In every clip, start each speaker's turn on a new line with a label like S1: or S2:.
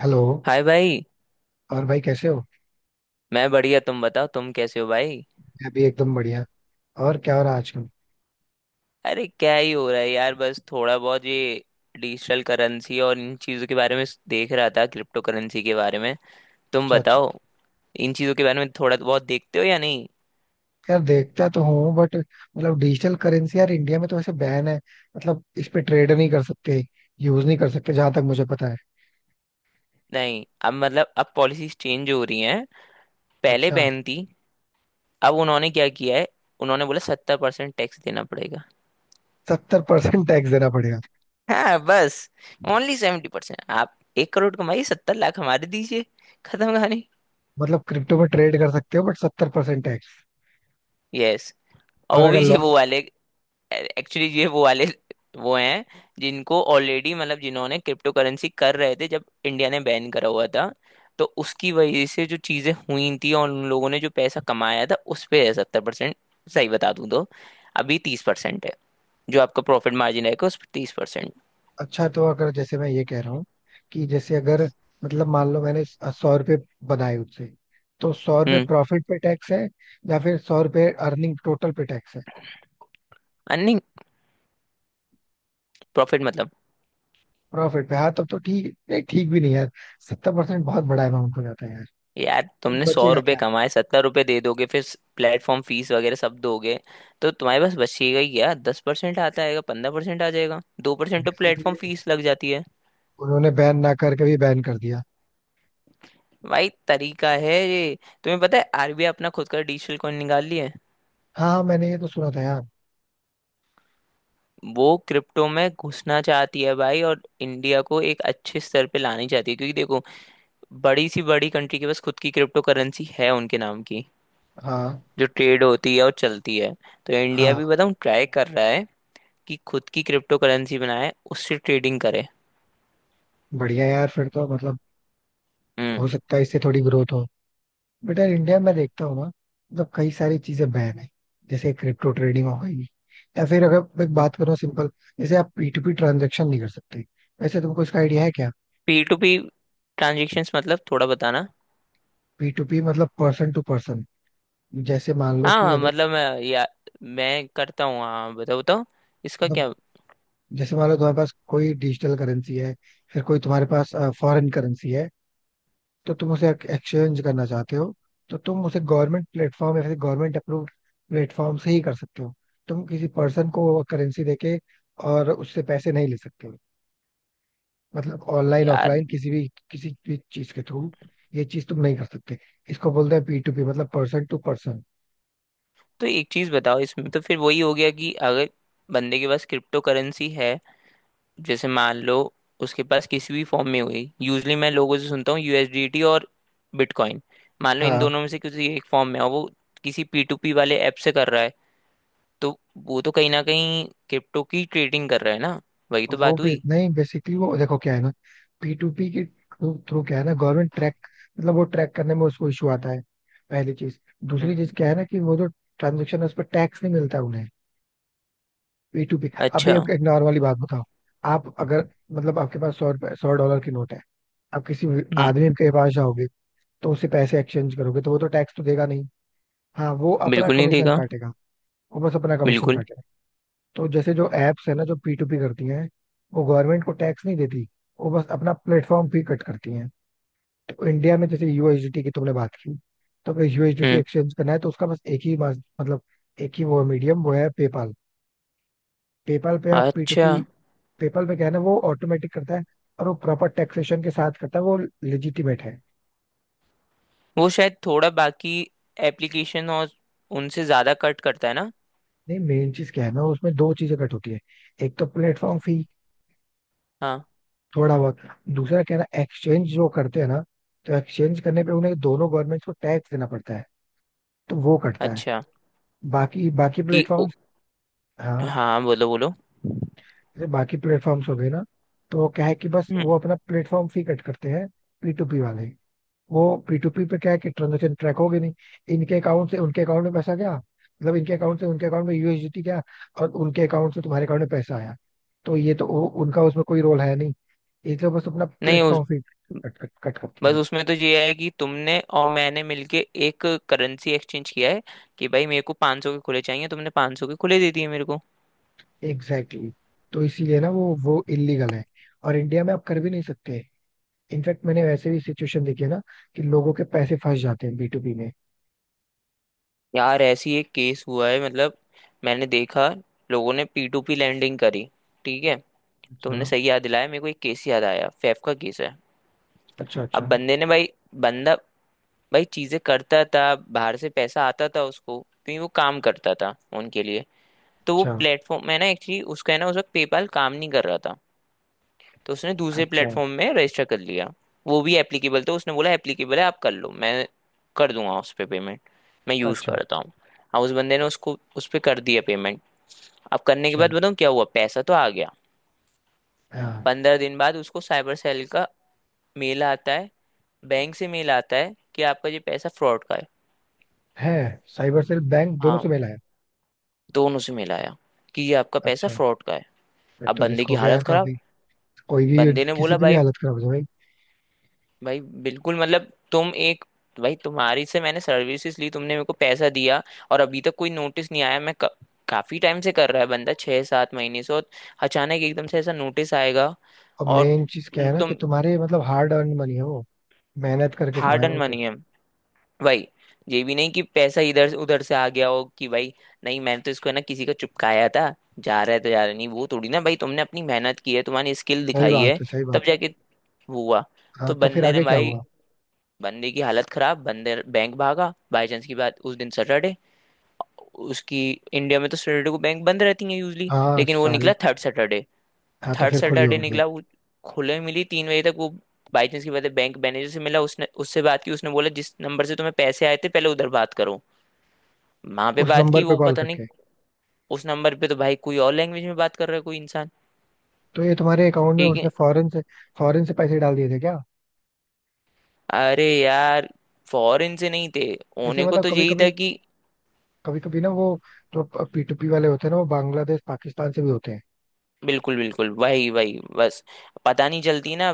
S1: Hello.
S2: Hi भाई।
S1: और भाई कैसे हो?
S2: मैं बढ़िया, तुम बताओ, तुम कैसे हो भाई?
S1: मैं भी एकदम बढ़िया। और क्या हो रहा है आजकल?
S2: अरे क्या ही हो रहा है यार, बस थोड़ा बहुत ये डिजिटल करेंसी और इन चीज़ों के बारे में देख रहा था, क्रिप्टो करेंसी के बारे में। तुम
S1: अच्छा अच्छा।
S2: बताओ, इन चीज़ों के बारे में थोड़ा बहुत देखते हो या नहीं?
S1: यार देखता तो हूँ बट मतलब डिजिटल करेंसी यार इंडिया में तो वैसे बैन है। मतलब इस पे ट्रेड नहीं कर सकते। यूज नहीं कर सकते जहां तक मुझे पता है।
S2: नहीं, अब मतलब अब पॉलिसीज चेंज हो रही हैं। पहले
S1: अच्छा।
S2: बैन थी, अब उन्होंने क्या किया है, उन्होंने बोला 70% टैक्स देना पड़ेगा।
S1: 70% टैक्स देना पड़ेगा।
S2: हाँ बस, ओनली 70%। आप 1 करोड़ कमाइए, 70 लाख हमारे दीजिए। खत्म कहानी।
S1: मतलब क्रिप्टो में ट्रेड कर सकते हो बट 70% टैक्स।
S2: यस। और
S1: और
S2: वो
S1: अगर
S2: भी ये
S1: लॉस।
S2: वो वाले, एक्चुअली ये वो वाले वो हैं जिनको ऑलरेडी, मतलब जिन्होंने क्रिप्टो करेंसी कर रहे थे जब इंडिया ने बैन करा हुआ था, तो उसकी वजह से जो चीजें हुई थी और उन लोगों ने जो पैसा कमाया था उस पे है 70%। सही बता दूं तो अभी 30% है, जो आपका प्रॉफिट मार्जिन रहेगा उस पर 30%।
S1: अच्छा तो अगर जैसे मैं ये कह रहा हूँ कि जैसे अगर मतलब मान लो मैंने 100 रुपये बनाए उससे, तो 100 रुपये
S2: हम्म।
S1: प्रॉफिट पे टैक्स है या फिर 100 रुपये अर्निंग टोटल पे टैक्स है?
S2: नहीं, प्रॉफिट मतलब।
S1: प्रॉफिट पे? हाँ तब तो ठीक नहीं, ठीक भी नहीं यार। 70% बहुत बड़ा अमाउंट हो जाता है यार।
S2: यार,
S1: तो
S2: तुमने सौ
S1: बचेगा
S2: रुपए
S1: क्या?
S2: कमाए, 70 रुपए दे दोगे फिर प्लेटफॉर्म फीस वगैरह सब दोगे, तो तुम्हारे पास बचिएगा ही क्या? 10% आता आएगा, 15% आ जाएगा, 2% तो
S1: बेसिकली
S2: प्लेटफॉर्म फीस लग जाती है।
S1: उन्होंने बैन ना करके भी बैन कर दिया।
S2: भाई तरीका है ये। तुम्हें पता है आरबीआई अपना खुद का डिजिटल कॉइन निकाल ली है।
S1: हाँ हाँ, मैंने ये तो सुना था यार।
S2: वो क्रिप्टो में घुसना चाहती है भाई, और इंडिया को एक अच्छे स्तर पे लानी चाहती है, क्योंकि देखो, बड़ी सी बड़ी कंट्री के पास खुद की क्रिप्टो करेंसी है उनके नाम की,
S1: हाँ।
S2: जो ट्रेड होती है और चलती है। तो इंडिया
S1: हाँ।
S2: भी बताऊँ ट्राई कर रहा है कि खुद की क्रिप्टो करेंसी बनाए, उससे ट्रेडिंग करे।
S1: बढ़िया यार फिर तो मतलब हो
S2: हम्म।
S1: सकता है इससे थोड़ी ग्रोथ हो। बट यार इंडिया में देखता हूँ ना मतलब कई सारी चीजें बैन है। जैसे क्रिप्टो ट्रेडिंग हो गई, या फिर अगर मैं बात करूँ सिंपल जैसे आप P2P ट्रांजेक्शन नहीं कर सकते। वैसे तुमको इसका आइडिया है क्या?
S2: पी टू पी ट्रांजेक्शन्स मतलब थोड़ा बताना।
S1: पी टू पी मतलब पर्सन टू पर्सन। जैसे मान लो कि
S2: हाँ
S1: अगर
S2: मतलब मैं, या मैं करता हूँ। हाँ बताओ बताओ, इसका
S1: मतलब
S2: क्या?
S1: जैसे मान लो तुम्हारे पास कोई डिजिटल करेंसी है, फिर कोई तुम्हारे पास फॉरेन करेंसी है, तो तुम उसे एक्सचेंज करना चाहते हो, तो तुम उसे गवर्नमेंट प्लेटफॉर्म या फिर गवर्नमेंट अप्रूव्ड प्लेटफॉर्म से ही कर सकते हो। तुम किसी पर्सन को करेंसी देके और उससे पैसे नहीं ले सकते हो। मतलब ऑनलाइन
S2: यार,
S1: ऑफलाइन किसी भी चीज के थ्रू ये चीज तुम नहीं कर सकते। इसको बोलते हैं P2P मतलब पर्सन टू पर्सन।
S2: तो एक चीज बताओ, इसमें तो फिर वही हो गया कि अगर बंदे के पास क्रिप्टो करेंसी है, जैसे मान लो उसके पास किसी भी फॉर्म में हुई, यूजली मैं लोगों से सुनता हूँ यूएसडीटी और बिटकॉइन, मान लो इन
S1: हाँ।
S2: दोनों में से किसी एक फॉर्म में है, और वो किसी पी टू पी वाले ऐप से कर रहा है, तो वो तो कहीं ना कहीं क्रिप्टो की ट्रेडिंग कर रहा है ना? वही तो
S1: वो
S2: बात
S1: भी
S2: हुई।
S1: नहीं। बेसिकली वो देखो क्या है ना, P2P के थ्रू क्या है ना, गवर्नमेंट ट्रैक मतलब वो ट्रैक करने में उसको इशू आता है, पहली चीज। दूसरी चीज
S2: हम्म,
S1: क्या है ना कि वो जो ट्रांजेक्शन है उस पर टैक्स नहीं मिलता उन्हें, P2P। अभी
S2: अच्छा।
S1: आपको एक नॉर्मली बात बताओ। आप अगर मतलब आपके पास 100 रुपए $100 की नोट है, आप किसी भी
S2: हम्म।
S1: आदमी के पास जाओगे तो उससे पैसे एक्सचेंज करोगे, तो वो तो टैक्स तो देगा नहीं। हाँ वो अपना
S2: बिल्कुल नहीं
S1: कमीशन
S2: देगा।
S1: काटेगा। वो बस अपना कमीशन
S2: बिल्कुल।
S1: काटेगा। तो जैसे जो एप्स है ना जो P2P करती हैं, वो गवर्नमेंट को टैक्स नहीं देती। वो बस अपना प्लेटफॉर्म फी कट करती हैं। तो इंडिया में जैसे USDT की तुमने बात की, तो अगर USDT
S2: हम्म।
S1: एक्सचेंज करना है तो उसका बस एक ही मास- मतलब एक ही वो मीडियम वो है पेपाल। पेपाल पे आप पी टू
S2: अच्छा,
S1: पी, पेपाल पे क्या है ना वो ऑटोमेटिक करता है। और वो प्रॉपर टैक्सेशन के साथ करता है वो, लेजिटिमेट है।
S2: वो शायद थोड़ा बाकी एप्लीकेशन और उनसे ज्यादा कट करता है ना?
S1: नहीं मेन चीज क्या है ना उसमें दो चीजें कट होती है। एक तो प्लेटफॉर्म फी,
S2: हाँ।
S1: थोड़ा बहुत। दूसरा क्या है ना एक्सचेंज जो करते हैं ना, तो एक्सचेंज करने पे उन्हें दोनों गवर्नमेंट को टैक्स देना पड़ता है, तो वो कटता है।
S2: अच्छा।
S1: बाकी बाकी
S2: कि ओ,
S1: प्लेटफॉर्म्स। हाँ।
S2: हाँ, बोलो बोलो।
S1: जैसे बाकी प्लेटफॉर्म्स हो गए ना, तो वो क्या है कि बस
S2: हम्म,
S1: वो अपना प्लेटफॉर्म फी कट करते हैं, पी टू पी वाले। वो P2P पे क्या है कि ट्रांजेक्शन ट्रैक होगी नहीं। इनके अकाउंट से उनके अकाउंट में पैसा गया, मतलब इनके अकाउंट से उनके अकाउंट में USDT गया और उनके अकाउंट से तुम्हारे अकाउंट में पैसा आया। तो ये तो उनका उसमें कोई रोल है नहीं। ये तो बस अपना
S2: नहीं
S1: platform fee cut cut cut करती
S2: बस
S1: है।
S2: उसमें तो ये है कि तुमने और मैंने मिलके एक करेंसी एक्सचेंज किया है कि भाई मेरे को 500 के खुले चाहिए, तुमने 500 के खुले दे दिए मेरे को।
S1: Exactly exactly. तो इसीलिए ना वो इलीगल है और इंडिया में आप कर भी नहीं सकते। इनफैक्ट मैंने वैसे भी सिचुएशन देखी है ना कि लोगों के पैसे फंस जाते हैं, बी में।
S2: यार ऐसी एक केस हुआ है, मतलब मैंने देखा लोगों ने पी टू पी लैंडिंग करी, ठीक है।
S1: अच्छा।
S2: तुमने सही याद दिलाया मेरे को, एक केस याद आया, फैफ का केस है।
S1: अच्छा।
S2: अब
S1: अच्छा।
S2: बंदे ने भाई, बंदा भाई चीजें करता था, बाहर से पैसा आता था उसको क्योंकि वो काम करता था उनके लिए। तो वो
S1: अच्छा।
S2: प्लेटफॉर्म मैं ना एक्चुअली उसका है ना, उस वक्त पेपाल काम नहीं कर रहा था। तो उसने दूसरे
S1: अच्छा।
S2: प्लेटफॉर्म में रजिस्टर कर लिया, वो भी एप्लीकेबल था, उसने बोला एप्लीकेबल है आप कर लो, मैं कर दूंगा उस पे पेमेंट, मैं यूज़
S1: अच्छा।
S2: करता हूँ। अब उस बंदे ने उसको उस पे कर दिया पेमेंट। अब करने के
S1: अच्छा।
S2: बाद बताऊँ क्या हुआ, पैसा तो आ गया।
S1: हाँ।
S2: 15 दिन बाद उसको साइबर सेल का मेल आता है, बैंक से मेल आता है कि आपका ये पैसा फ्रॉड का है।
S1: है। साइबर सेल बैंक दोनों
S2: हाँ,
S1: से मिला है।
S2: दोनों से मेल आया कि ये आपका पैसा
S1: अच्छा।
S2: फ्रॉड का है।
S1: फिर
S2: अब
S1: तो
S2: बंदे
S1: रिस्क
S2: की
S1: हो गया यार
S2: हालत खराब,
S1: काफी। कोई भी,
S2: बंदे ने
S1: किसी
S2: बोला
S1: की भी
S2: भाई,
S1: हालत खराब हो जाए भाई।
S2: भाई बिल्कुल मतलब, तुम एक, भाई तुम्हारी से मैंने सर्विसेज ली, तुमने मेरे को पैसा दिया, और अभी तक कोई नोटिस नहीं आया, काफी टाइम से कर रहा है बंदा, 6 7 महीने से, और अचानक एकदम से ऐसा नोटिस आएगा।
S1: और
S2: और
S1: मेन चीज क्या है ना कि
S2: तुम
S1: तुम्हारे मतलब हार्ड अर्न मनी है वो, मेहनत करके
S2: हार्ड
S1: कमाए
S2: अर्न
S1: वो तो।
S2: मनी है भाई, ये भी नहीं कि पैसा इधर से उधर से आ गया हो कि भाई, नहीं मैंने तो इसको है ना किसी का चुपकाया था, जा रहा है तो जा रहा है। नहीं वो थोड़ी ना भाई, तुमने अपनी मेहनत की है, तुम्हारी स्किल
S1: सही
S2: दिखाई
S1: बात
S2: है,
S1: है, सही
S2: तब
S1: बात है।
S2: जाके वो हुआ।
S1: हाँ
S2: तो
S1: तो फिर
S2: बंदे ने
S1: आगे क्या
S2: भाई,
S1: हुआ?
S2: बंदे की हालत खराब, बंदे बैंक भागा। बाई चांस की बात, उस दिन सैटरडे उसकी, इंडिया में तो सैटरडे को बैंक बंद रहती है यूजली,
S1: हाँ
S2: लेकिन वो
S1: सारी।
S2: निकला थर्ड सैटरडे।
S1: हाँ तो
S2: थर्ड
S1: फिर खुली
S2: सैटरडे
S1: होगी।
S2: निकला वो, खुले मिली 3 बजे तक वो। बाई चांस की बात है, बैंक मैनेजर से मिला, उसने उससे बात की, उसने बोला जिस नंबर से तुम्हें पैसे आए थे पहले, उधर बात करो। वहां पे
S1: उस
S2: बात
S1: नंबर
S2: की
S1: पे
S2: वो
S1: कॉल
S2: पता नहीं,
S1: करके?
S2: उस नंबर पे तो भाई कोई और लैंग्वेज में बात कर रहा है कोई इंसान।
S1: तो ये तुम्हारे अकाउंट में
S2: ठीक
S1: उसने
S2: है,
S1: फॉरेन से, फॉरेन से पैसे डाल दिए थे क्या?
S2: अरे यार, फॉरेन से नहीं थे,
S1: ऐसे
S2: होने को
S1: मतलब
S2: तो
S1: कभी
S2: यही था
S1: कभी,
S2: कि
S1: कभी कभी ना वो जो पी टू पी वाले होते हैं ना वो बांग्लादेश पाकिस्तान से भी होते हैं।
S2: बिल्कुल बिल्कुल वही वही, बस पता नहीं चलती ना।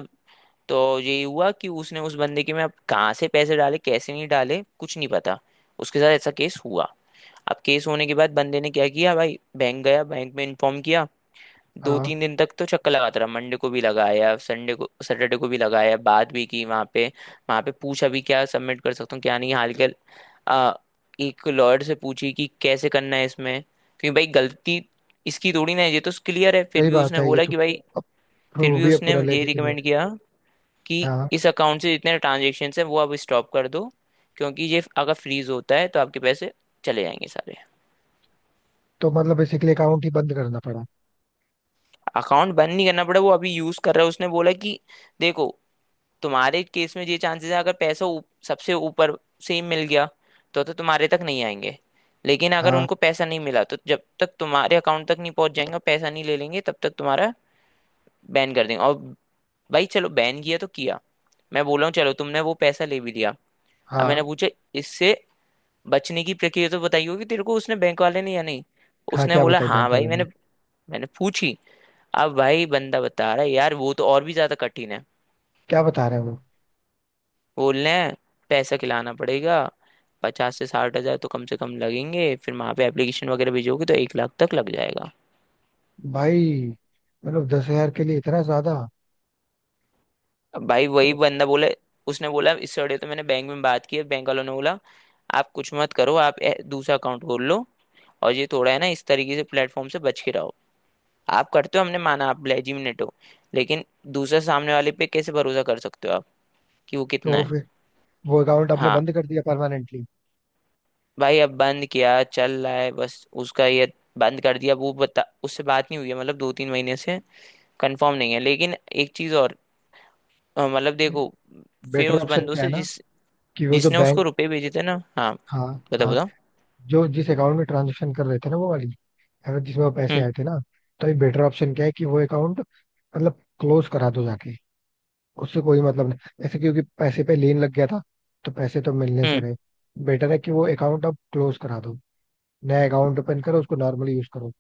S2: तो यही हुआ कि उसने उस बंदे के में, अब कहाँ से पैसे डाले कैसे नहीं डाले कुछ नहीं पता, उसके साथ ऐसा केस हुआ। अब केस होने के बाद बंदे ने क्या किया भाई, बैंक गया, बैंक में इन्फॉर्म किया। दो
S1: हाँ
S2: तीन दिन तक तो चक्कर लगाता रहा, मंडे को भी लगाया, संडे को सैटरडे को भी लगाया, बात भी की वहां पे, वहां पे पूछा भी क्या सबमिट कर सकता हूँ क्या नहीं हाल के। आ, एक लॉयर से पूछी कि कैसे करना है इसमें, क्योंकि भाई गलती इसकी थोड़ी ना है, ये तो क्लियर है। फिर
S1: सही
S2: भी
S1: बात
S2: उसने
S1: है ये
S2: बोला
S1: तो,
S2: कि भाई, फिर
S1: प्रूव
S2: भी
S1: भी है
S2: उसने
S1: पूरा
S2: ये
S1: लेजिटिमेट।
S2: रिकमेंड किया कि
S1: हाँ
S2: इस अकाउंट से जितने ट्रांजेक्शन है वो अब स्टॉप कर दो, क्योंकि ये अगर फ्रीज होता है तो आपके पैसे चले जाएंगे सारे।
S1: तो मतलब बेसिकली अकाउंट ही बंद करना पड़ा?
S2: अकाउंट बंद नहीं करना पड़ा, वो अभी यूज कर रहा है। उसने बोला कि देखो, तुम्हारे केस में ये चांसेस है, अगर पैसा सबसे ऊपर से ही मिल गया तो तुम्हारे तक नहीं आएंगे, लेकिन अगर
S1: हाँ।
S2: उनको पैसा नहीं मिला, तो जब तक तुम्हारे अकाउंट तक नहीं पहुंच जाएंगे, पैसा नहीं ले लेंगे तब तक, तुम्हारा बैन कर देंगे। और भाई चलो बैन किया तो किया, मैं बोल रहा हूँ चलो तुमने वो पैसा ले भी लिया। अब मैंने
S1: हाँ।
S2: पूछा, इससे बचने की प्रक्रिया तो बताई होगी तेरे को उसने, बैंक वाले ने, या नहीं?
S1: हाँ
S2: उसने
S1: क्या
S2: बोला
S1: बताई
S2: हाँ
S1: बैंक
S2: भाई
S1: वाले
S2: मैंने,
S1: ने?
S2: मैंने पूछी। अब भाई बंदा बता रहा है यार वो तो और भी ज्यादा कठिन है।
S1: क्या बता रहे हैं वो?
S2: बोल रहे हैं पैसा खिलाना पड़ेगा, 50 से 60 हजार तो कम से कम लगेंगे, फिर वहां पे एप्लीकेशन वगैरह भेजोगे तो 1 लाख तक लग जाएगा।
S1: भाई, मतलब 10,000 के लिए इतना ज्यादा?
S2: अब भाई वही
S1: तो?
S2: बंदा बोला, उसने बोला इस सड़े तो मैंने बैंक में बात की है, बैंक वालों ने बोला आप कुछ मत करो, दूसरा अकाउंट खोल लो, और ये थोड़ा है ना इस तरीके से प्लेटफॉर्म से बच के रहो। आप करते हो, हमने माना आप लेजिमिनेट हो, लेकिन दूसरे सामने वाले पे कैसे भरोसा कर सकते हो आप कि वो कितना
S1: तो
S2: है?
S1: फिर वो अकाउंट आपने
S2: हाँ।
S1: बंद कर दिया परमानेंटली?
S2: भाई अब बंद किया चल रहा है, बस उसका ये बंद कर दिया, वो बता उससे बात नहीं हुई है मतलब 2 3 महीने से, कंफर्म नहीं है लेकिन। एक चीज और, मतलब देखो, फिर
S1: बेटर
S2: उस
S1: ऑप्शन
S2: बंदों
S1: क्या है
S2: से
S1: ना
S2: जिस,
S1: कि वो जो
S2: जिसने उसको
S1: बैंक,
S2: रुपए भेजे थे ना, हाँ
S1: हाँ।
S2: बताओ
S1: हाँ।
S2: बताओ।
S1: जो जिस अकाउंट में ट्रांजेक्शन कर रहे थे ना वो वाली, अगर जिसमें वो पैसे
S2: हम्म।
S1: आए थे ना, तो ये बेटर ऑप्शन क्या है कि वो अकाउंट मतलब क्लोज करा दो जाके। उससे कोई मतलब नहीं ऐसे, क्योंकि पैसे पे लेन लग गया था तो पैसे तो मिलने से
S2: हम्म।
S1: रहे। बेटर है कि वो अकाउंट अब क्लोज करा दो, नया अकाउंट ओपन करो उसको नॉर्मली यूज करो।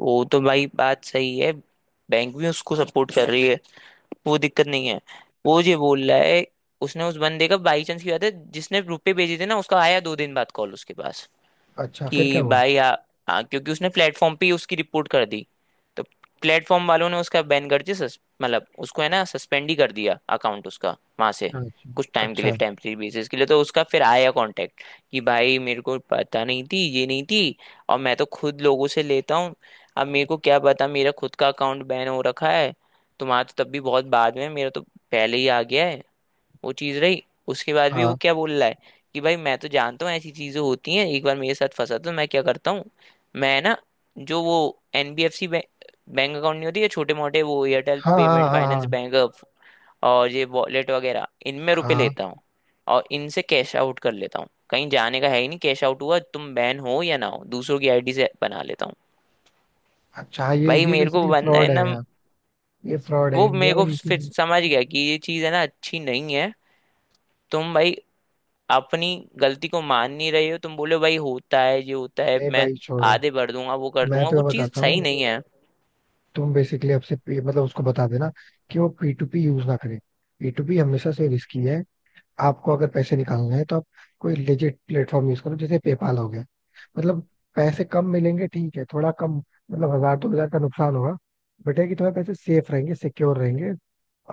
S2: वो तो भाई बात सही है, बैंक भी उसको सपोर्ट कर रही है, वो दिक्कत नहीं है। वो ये बोल रहा है, उसने उस बंदे का, बाई चांस की बात है जिसने रुपए भेजे थे ना, उसका आया 2 दिन बाद कॉल उसके पास
S1: अच्छा फिर क्या
S2: कि
S1: हुआ?
S2: भाई, आ, आ, क्योंकि उसने प्लेटफॉर्म पे ही उसकी रिपोर्ट कर दी, तो प्लेटफॉर्म वालों ने उसका बैन कर दिया, मतलब उसको है ना सस्पेंड ही कर दिया अकाउंट उसका वहां से,
S1: अच्छा
S2: कुछ टाइम के लिए
S1: अच्छा।
S2: टेम्परेरी बेसिस के लिए। तो उसका फिर आया कांटेक्ट कि भाई मेरे को पता नहीं थी ये नहीं थी, और मैं तो खुद लोगों से लेता हूँ, अब मेरे को क्या पता मेरा खुद का अकाउंट बैन हो रखा है, तुम्हारा तो तब भी बहुत बाद में, मेरा तो पहले ही आ गया है वो चीज रही। उसके बाद भी वो
S1: हाँ।
S2: क्या बोल रहा है कि भाई मैं तो जानता हूँ ऐसी चीजें होती हैं, एक बार मेरे साथ फंसा तो मैं क्या करता हूँ, मैं ना जो वो एनबीएफसी बैंक अकाउंट नहीं होती है छोटे मोटे वो, एयरटेल
S1: हाँ। हाँ।
S2: पेमेंट
S1: हाँ।
S2: फाइनेंस
S1: हाँ।
S2: बैंक और ये वॉलेट वगैरह, इनमें रुपए
S1: हाँ।
S2: लेता हूँ और इनसे कैश आउट कर लेता हूँ, कहीं जाने का है ही नहीं। कैश आउट हुआ, तुम बैन हो या ना हो, दूसरों की आईडी से बना लेता हूँ,
S1: अच्छा। हाँ,
S2: भाई
S1: ये
S2: मेरे को
S1: बेसिकली
S2: बनना है
S1: फ्रॉड है
S2: ना।
S1: यार। ये फ्रॉड है
S2: वो
S1: इंडिया
S2: मेरे
S1: में
S2: को
S1: ये चीज।
S2: फिर समझ गया कि ये चीज़ है ना अच्छी नहीं है। तुम भाई अपनी गलती को मान नहीं रहे हो, तुम बोले भाई होता है ये होता है,
S1: नहीं
S2: मैं
S1: भाई छोड़ो।
S2: आधे भर दूंगा, वो कर
S1: मैं
S2: दूंगा, वो
S1: तुम्हें
S2: चीज
S1: बताता
S2: सही
S1: हूँ।
S2: नहीं है।
S1: तुम बेसिकली आपसे पे- मतलब उसको बता देना कि वो पी टू पी यूज ना करे। P2P हमेशा से रिस्की है। आपको अगर पैसे निकालना है तो आप कोई लेजिट प्लेटफॉर्म यूज करो जैसे पेपाल हो गया। मतलब पैसे कम मिलेंगे, ठीक है थोड़ा कम, मतलब 1,000-2,000 का नुकसान होगा, बट है कि तुम्हारे पैसे सेफ रहेंगे, सिक्योर रहेंगे।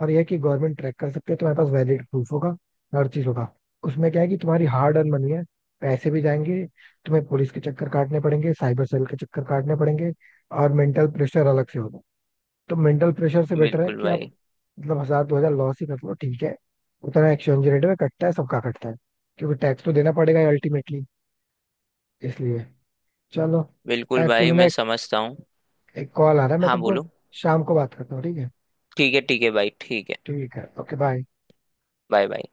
S1: और यह कि गवर्नमेंट ट्रैक कर सकते है, तुम्हारे पास वैलिड प्रूफ होगा, हर चीज होगा। उसमें क्या है कि तुम्हारी हार्ड अर्न मनी है, पैसे भी जाएंगे, तुम्हें पुलिस के चक्कर काटने पड़ेंगे, साइबर सेल के चक्कर काटने पड़ेंगे, और मेंटल प्रेशर अलग से होगा। तो मेंटल प्रेशर से बेटर है
S2: बिल्कुल
S1: कि आप
S2: भाई।
S1: मतलब 1,000-2,000 लॉस ही कर लो, ठीक है उतना एक्सचेंज रेट में कटता है, सबका कटता है, क्योंकि टैक्स तो देना पड़ेगा अल्टीमेटली। इसलिए चलो।
S2: बिल्कुल भाई,
S1: एक्चुअली ना
S2: मैं
S1: एक,
S2: समझता हूँ।
S1: एक कॉल आ रहा है, मैं
S2: हाँ
S1: तुमको
S2: बोलो।
S1: शाम को बात करता हूँ, ठीक है?
S2: ठीक है भाई, ठीक है।
S1: ठीक है ओके बाय।
S2: Bye bye.